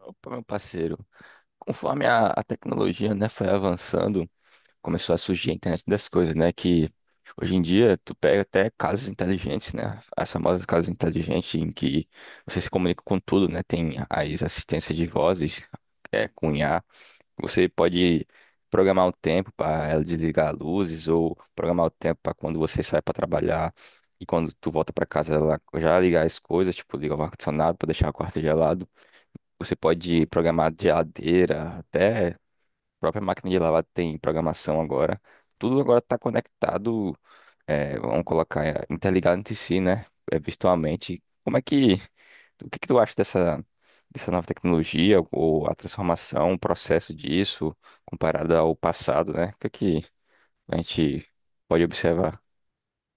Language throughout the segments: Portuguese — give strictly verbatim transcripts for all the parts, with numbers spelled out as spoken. Opa, meu parceiro, conforme a, a tecnologia, né, foi avançando, começou a surgir a internet das coisas, né, que hoje em dia tu pega até casas inteligentes, né, as famosas casas inteligentes em que você se comunica com tudo, né, tem as assistências de vozes, é, com I A, você pode programar o tempo para ela desligar luzes ou programar o tempo para quando você sai para trabalhar e quando tu volta para casa ela já ligar as coisas, tipo, ligar o ar-condicionado para deixar o quarto gelado. Você pode programar de geladeira, até a própria máquina de lavar tem programação agora. Tudo agora está conectado, é, vamos colocar, é, interligado entre si, né? É, virtualmente. Como é que, o que que tu acha dessa, dessa nova tecnologia, ou a transformação, o processo disso, comparado ao passado, né? O que é que a gente pode observar?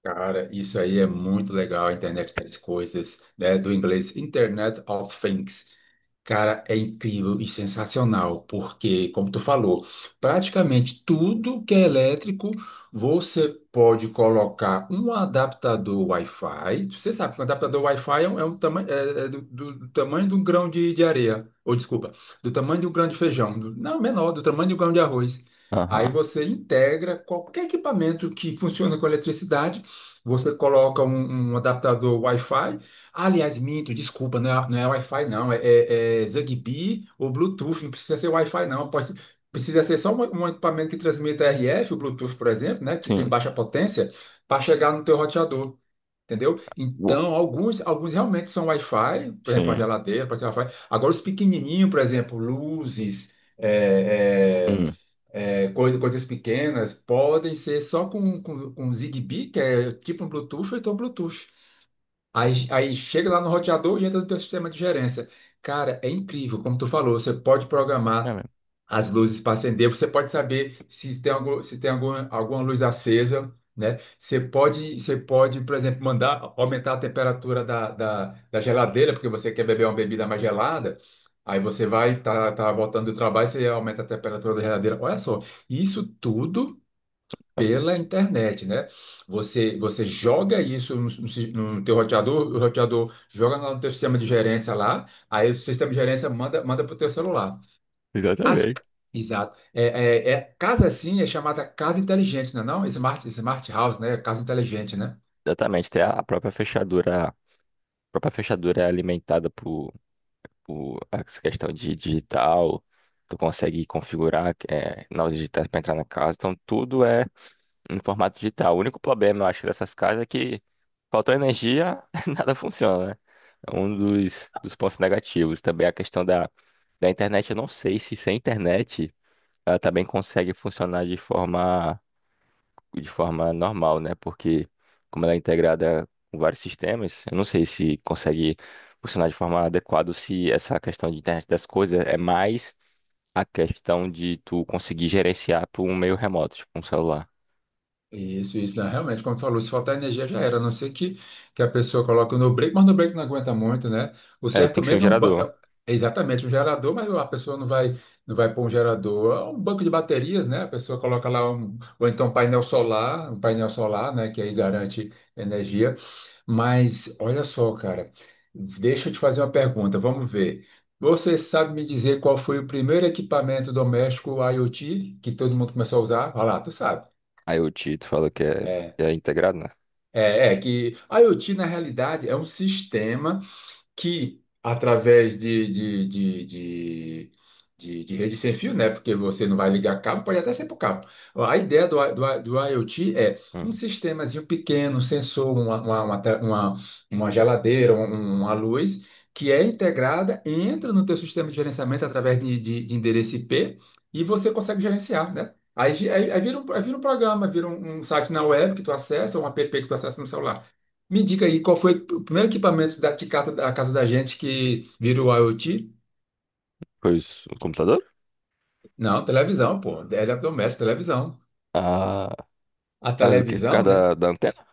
Cara, isso aí é muito legal, a internet das coisas, né? Do inglês Internet of Things. Cara, é incrível e sensacional, porque, como tu falou, praticamente tudo que é elétrico, você pode colocar um adaptador Wi-Fi. Você sabe que um adaptador Wi-Fi é, um, é um tamanho, é- é do, do- do tamanho de um grão de, de areia, ou desculpa, do tamanho de um grão de feijão, do- não, menor, do tamanho de um grão de arroz. Aí Aham. você integra qualquer equipamento que funciona com eletricidade, você coloca um, um adaptador Wi-Fi. Ah, aliás, minto, desculpa, não é, não é Wi-Fi, não. É, é, é Zigbee ou Bluetooth. Não precisa ser Wi-Fi, não. Pode, ser- precisa ser só um, um equipamento que transmita R F, o Bluetooth, por exemplo, né, que tem Sim. baixa potência, para chegar no teu roteador. Entendeu? Uou. Então, alguns, alguns realmente são Wi-Fi, por exemplo, a Sim. geladeira, pode ser Wi-Fi. Agora, os pequenininhos, por exemplo, luzes, é, é, Hum. é, coisa- coisas pequenas podem ser só com, com, com Zigbee, que é tipo um Bluetooth, ou então Bluetooth. Aí, aí chega lá no roteador e entra no teu sistema de gerência. Cara, é incrível, como tu falou, você pode É programar mesmo. as luzes para acender, você pode saber se tem algum, se tem alguma, alguma luz acesa, né? Você pode, você pode, por exemplo, mandar aumentar a temperatura da, da, da geladeira, porque você quer beber uma bebida mais gelada. Aí você vai, tá, tá voltando do trabalho, você aumenta a temperatura da geladeira. Olha só, isso tudo Tá bom. pela internet, né? Você, você joga isso no, no si- no teu roteador, o roteador joga no teu sistema de gerência lá, aí o sistema de gerência manda, manda para o teu celular. As, Exatamente. Exato. É, é, é- casa assim é chamada casa inteligente, não é não? Smart, smart house, né? Casa inteligente, né? Exatamente, tem a a própria fechadura própria fechadura é alimentada por, por essa questão de digital. Tu consegue configurar é, novas digitais para entrar na casa. Então, tudo é em formato digital. O único problema, eu acho, dessas casas é que faltou energia, nada funciona, né? É um dos, dos pontos negativos. Também a questão da, da internet. Eu não sei se sem internet ela também consegue funcionar de forma de forma normal, né? Porque como ela é integrada com vários sistemas, eu não sei se consegue funcionar de forma adequada, ou se essa questão de internet das coisas é mais a questão de tu conseguir gerenciar por um meio remoto, tipo um celular. Isso, isso, né? Realmente, como tu falou, se faltar energia já era, a não ser que, que a pessoa coloque no break, mas no break não aguenta muito, né? O É, tem certo que ser um mesmo é, um ba- gerador. é exatamente um gerador, mas a pessoa não vai, não vai pôr um gerador, é um banco de baterias, né? A pessoa coloca lá um, ou então um painel solar, um painel solar, né? Que aí garante energia. Mas olha só, cara, deixa eu te fazer uma pergunta, vamos ver. Você sabe me dizer qual foi o primeiro equipamento doméstico IoT que todo mundo começou a usar? Olha lá, tu sabe. Aí o Tito fala que é, É, que é integrado, né? é, é que a IoT, na realidade, é um sistema que através de, de, de, de, de, de rede sem fio, né? Porque você não vai ligar cabo, pode até ser por cabo. A ideia do, I- do, I- do IoT é um Hum. sistemazinho pequeno, um sensor, uma, uma, uma, te- uma- uma geladeira, um- um, uma luz, que é integrada, entra no teu sistema de gerenciamento através de, de, de endereço I P e você consegue gerenciar, né? Aí, gi- aí, aí vira um, aí vira um programa, vira um, um site na web que tu acessa, ou um app que tu acessa no celular. Me diga aí, qual foi o primeiro equipamento da, de casa, da casa da gente que virou IoT? Pois o computador? Não, televisão, pô. Eletrodoméstico, televisão. Ah, A por causa do quê? Por causa televisão, né? da, da antena?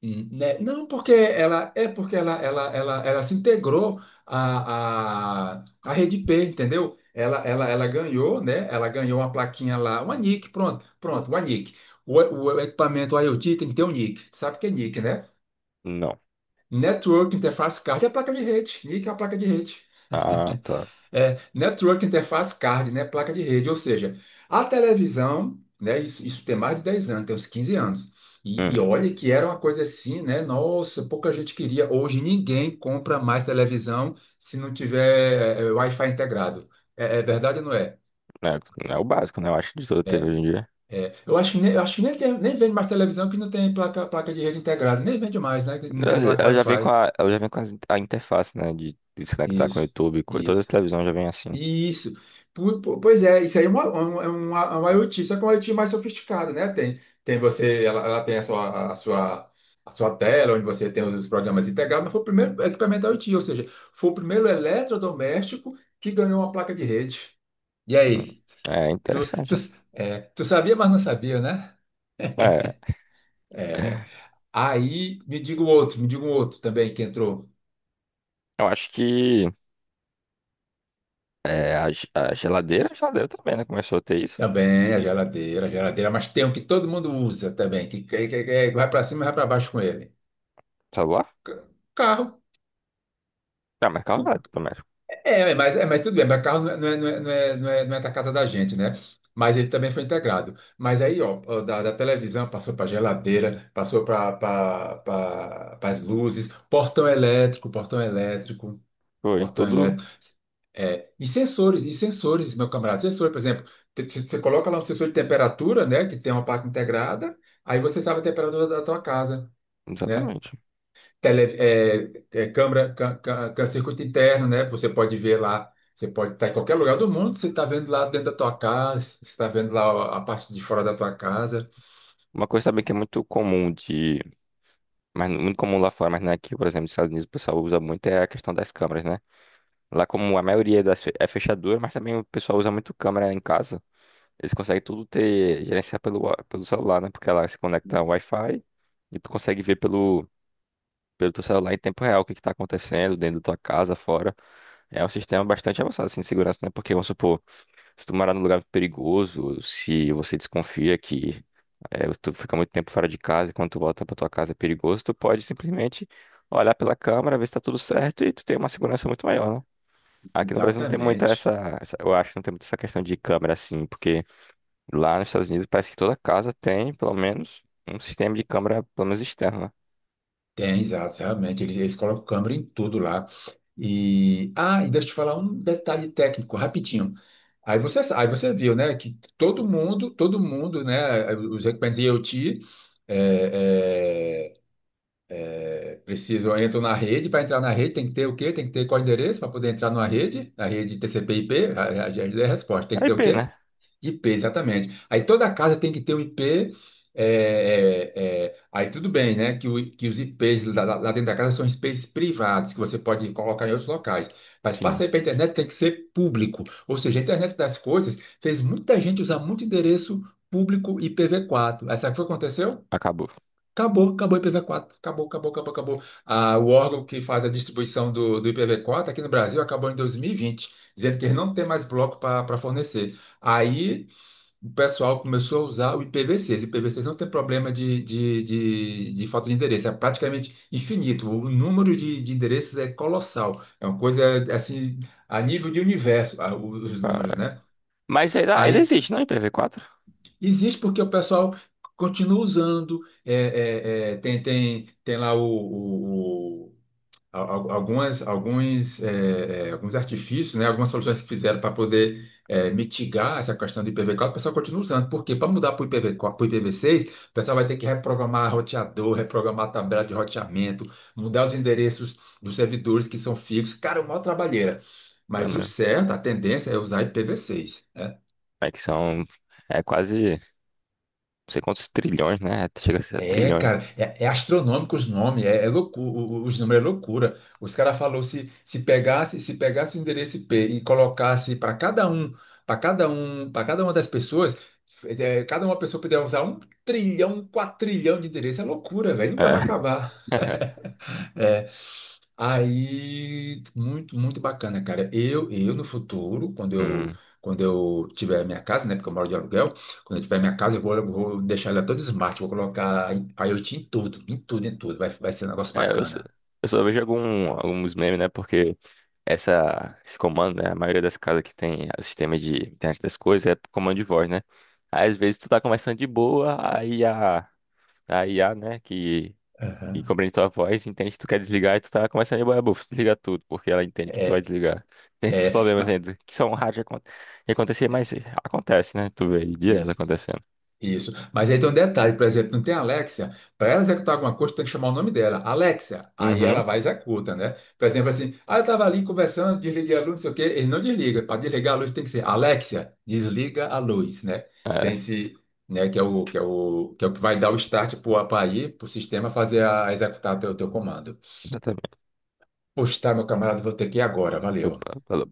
Hum, né? Não, porque ela é porque ela, ela, ela, ela se integrou à, à, à rede P, entendeu? Ela, ela, ela ganhou, né? Ela ganhou uma plaquinha lá, uma nick, pronto, pronto, uma nick. O, o equipamento IoT tem que ter um nick. Tu sabe o que é nick, né? Não. Network Interface Card é a placa de rede. nick é a placa de rede. Ah, tá. É, Network Interface Card, né? Placa de rede, ou seja, a televisão, né? Isso, isso tem mais de dez anos, tem uns quinze anos. Hum, E, e olha que era uma coisa assim, né? Nossa, pouca gente queria. Hoje ninguém compra mais televisão se não tiver é, é, Wi-Fi integrado. É, é verdade ou não é? é, é o básico, né? Eu acho de toda T V hoje em dia. É, eu acho que nem, eu acho que nem, tem- nem vende mais televisão que não tem placa, placa de rede integrada. Nem vende mais, né? Que não tem Ela placa ela já vem com Wi-Fi. a, ela já vem com as in- a interface, né? De de se conectar com o Isso, YouTube, com todas as isso. televisões já vem assim. Isso. Pu- pu- Pois é, isso aí é uma, uma, é uma, é uma IoT, só que é uma IoT mais sofisticada, né? Tem, tem você, ela, ela tem a sua, a sua, a sua tela, onde você tem os programas integrados, mas foi o primeiro equipamento IoT, ou seja, foi o primeiro eletrodoméstico que ganhou uma placa de rede. E Hum. aí? É Tu, tu, interessante. é, tu sabia, mas não sabia, né? É, É. Aí me diga um outro, me diga um outro também que entrou. eu acho que é, a, ge- a geladeira, a geladeira também, né? Começou a ter isso. Também a geladeira, a geladeira, mas tem um que todo mundo usa também, que, que, que- que vai para cima e vai para baixo com ele. Celular? Ca- Carro. Ah, mas O- calma, também. É, é, mas, é, mas tudo bem, mas carro não é, não é, não é, não é, não é- não é da casa da gente, né? Mas ele também foi integrado. Mas aí, ó, ó, da, da televisão passou para geladeira, passou para pra, pra, as luzes, portão elétrico, portão elétrico, Foi portão tudo. elétrico. É, e sensores, e sensores, meu camarada, sensor, por exemplo, te- te- você coloca lá um sensor de temperatura, né, que tem uma parte integrada, aí você sabe a temperatura da tua casa, né? Exatamente. tele, é, é, Câmera, ca- ca- ca- circuito interno, né? Você pode ver lá, você pode estar em qualquer lugar do mundo, você está vendo lá dentro da tua casa, você está vendo lá a parte de fora da tua casa. Uma coisa também que é muito comum de. Mas muito comum lá fora, mas não é aqui, por exemplo, nos Estados Unidos o pessoal usa muito é a questão das câmeras, né? Lá como a maioria das fe- é fechadura, mas também o pessoal usa muito câmera em casa. Eles conseguem tudo ter, gerenciar pelo, wa- pelo celular, né? Porque ela se conecta ao Wi-Fi e tu consegue ver pelo, pelo teu celular em tempo real o que que tá acontecendo dentro da tua casa, fora. É um sistema bastante avançado, assim, de segurança, né? Porque, vamos supor, se tu morar num lugar perigoso, se você desconfia que é, tu fica muito tempo fora de casa e quando tu volta pra tua casa é perigoso, tu pode simplesmente olhar pela câmera, ver se tá tudo certo e tu tem uma segurança muito maior, né? Aqui no Brasil não tem muita Exatamente. essa, essa- eu acho, que não tem muita essa questão de câmera, assim, porque lá nos Estados Unidos parece que toda casa tem, pelo menos, um sistema de câmera, pelo menos externa. Tem, exato, realmente. Eles, eles colocam câmera em tudo lá. E, ah, e deixa eu te falar um detalhe técnico, rapidinho. Aí você, sa- aí você viu, né, que todo mundo, todo mundo, né, os equipamentos IoT, preciso, eu entro na rede, para entrar na rede tem que ter o quê? Tem que ter qual endereço para poder entrar numa rede, na rede T C P/I P, a, a, já lhe dei a resposta, tem que É ter o I P, né? quê? I P, exatamente. Aí toda casa tem que ter um I P, é, é, é, aí tudo bem, né, que, o- que os I Ps lá, lá- lá dentro da casa são I Ps privados, que você pode colocar em outros locais, mas Sim, passa aí para a internet tem que ser público, ou seja, a internet das coisas fez muita gente usar muito endereço público I P v quatro, essa foi o que aconteceu? acabou. Acabou, acabou o I P v quatro. Acabou, acabou, acabou, acabou. Ah, o órgão que faz a distribuição do, do I P v quatro aqui no Brasil acabou em dois mil e vinte, dizendo que eles não tem mais bloco para fornecer. Aí o pessoal começou a usar o I P v seis. O I P v seis não tem problema de, de, de, de falta de endereço, é praticamente infinito. O número de, de endereços é colossal. É uma coisa assim, a nível de universo, ah, os Ah, números, né? mas ainda, ainda existe, não? I P v quatro? Existe porque o pessoal continua usando, é, é, é, tem, tem, tem lá o, o- o- a- a- algumas, alguns, é, é, alguns artifícios, né, algumas soluções que fizeram para poder é, mitigar essa questão do I P v quatro, o pessoal continua usando. Porque para mudar para o I P v quatro, para o I P v seis, o pessoal vai ter que reprogramar roteador, reprogramar tabela de roteamento, mudar os endereços dos servidores que são fixos. Cara, é uma maior trabalheira. É Mas o mesmo. certo, a tendência é usar I P v seis. É que são. É quase. Não sei quantos trilhões, né? Chega a ser É, trilhões. cara, é, é astronômico os nomes, é, é loucura, os números é loucura. Os caras falou se se pegasse, se pegasse o endereço I P e colocasse para cada um, para cada um, para cada uma das pessoas, é, cada uma pessoa puder usar um trilhão, quatro trilhão de endereço, é loucura, velho, nunca vai É. acabar. É. Aí, muito, muito bacana, cara. Eu, eu no futuro, quando eu, Hum. quando eu tiver minha casa, né? Porque eu moro de aluguel, quando eu tiver minha casa, eu vou, eu vou deixar ela toda smart, vou colocar IoT em tudo, em tudo, em tudo. Vai, vai ser um negócio É, eu só, bacana. eu só vejo algum, alguns memes, né? Porque essa, esse comando, né? A maioria das casas que tem o sistema de internet das coisas é comando de voz, né? Aí, às vezes tu tá conversando de boa, aí a, a I A, né? Que, que Aham. compreende tua voz, entende que tu quer desligar e tu tá conversando de boa, buf, desliga tudo, porque ela entende que tu vai É, desligar. Tem esses é, problemas ainda, que são raros de acon- de acontecer, mas acontece, né? Tu vê aí direto mas, acontecendo. Isso. Mas aí tem um detalhe, por exemplo, não tem Alexia, para ela executar alguma coisa, tem que chamar o nome dela, Alexia. Aí ela Uhum, vai e executa, né? Por exemplo, assim, ah, eu estava ali conversando, desliguei a luz, não sei o quê, ele não desliga. Para desligar a luz tem que ser Alexia, desliga a luz, né? Tem é, esse, né, que é o que é o que é o que vai dar o start para ir para o sistema fazer a executar o teu, teu comando. exatamente. Poxa, tá, meu camarada, vou ter que ir agora, valeu. Opa, falou.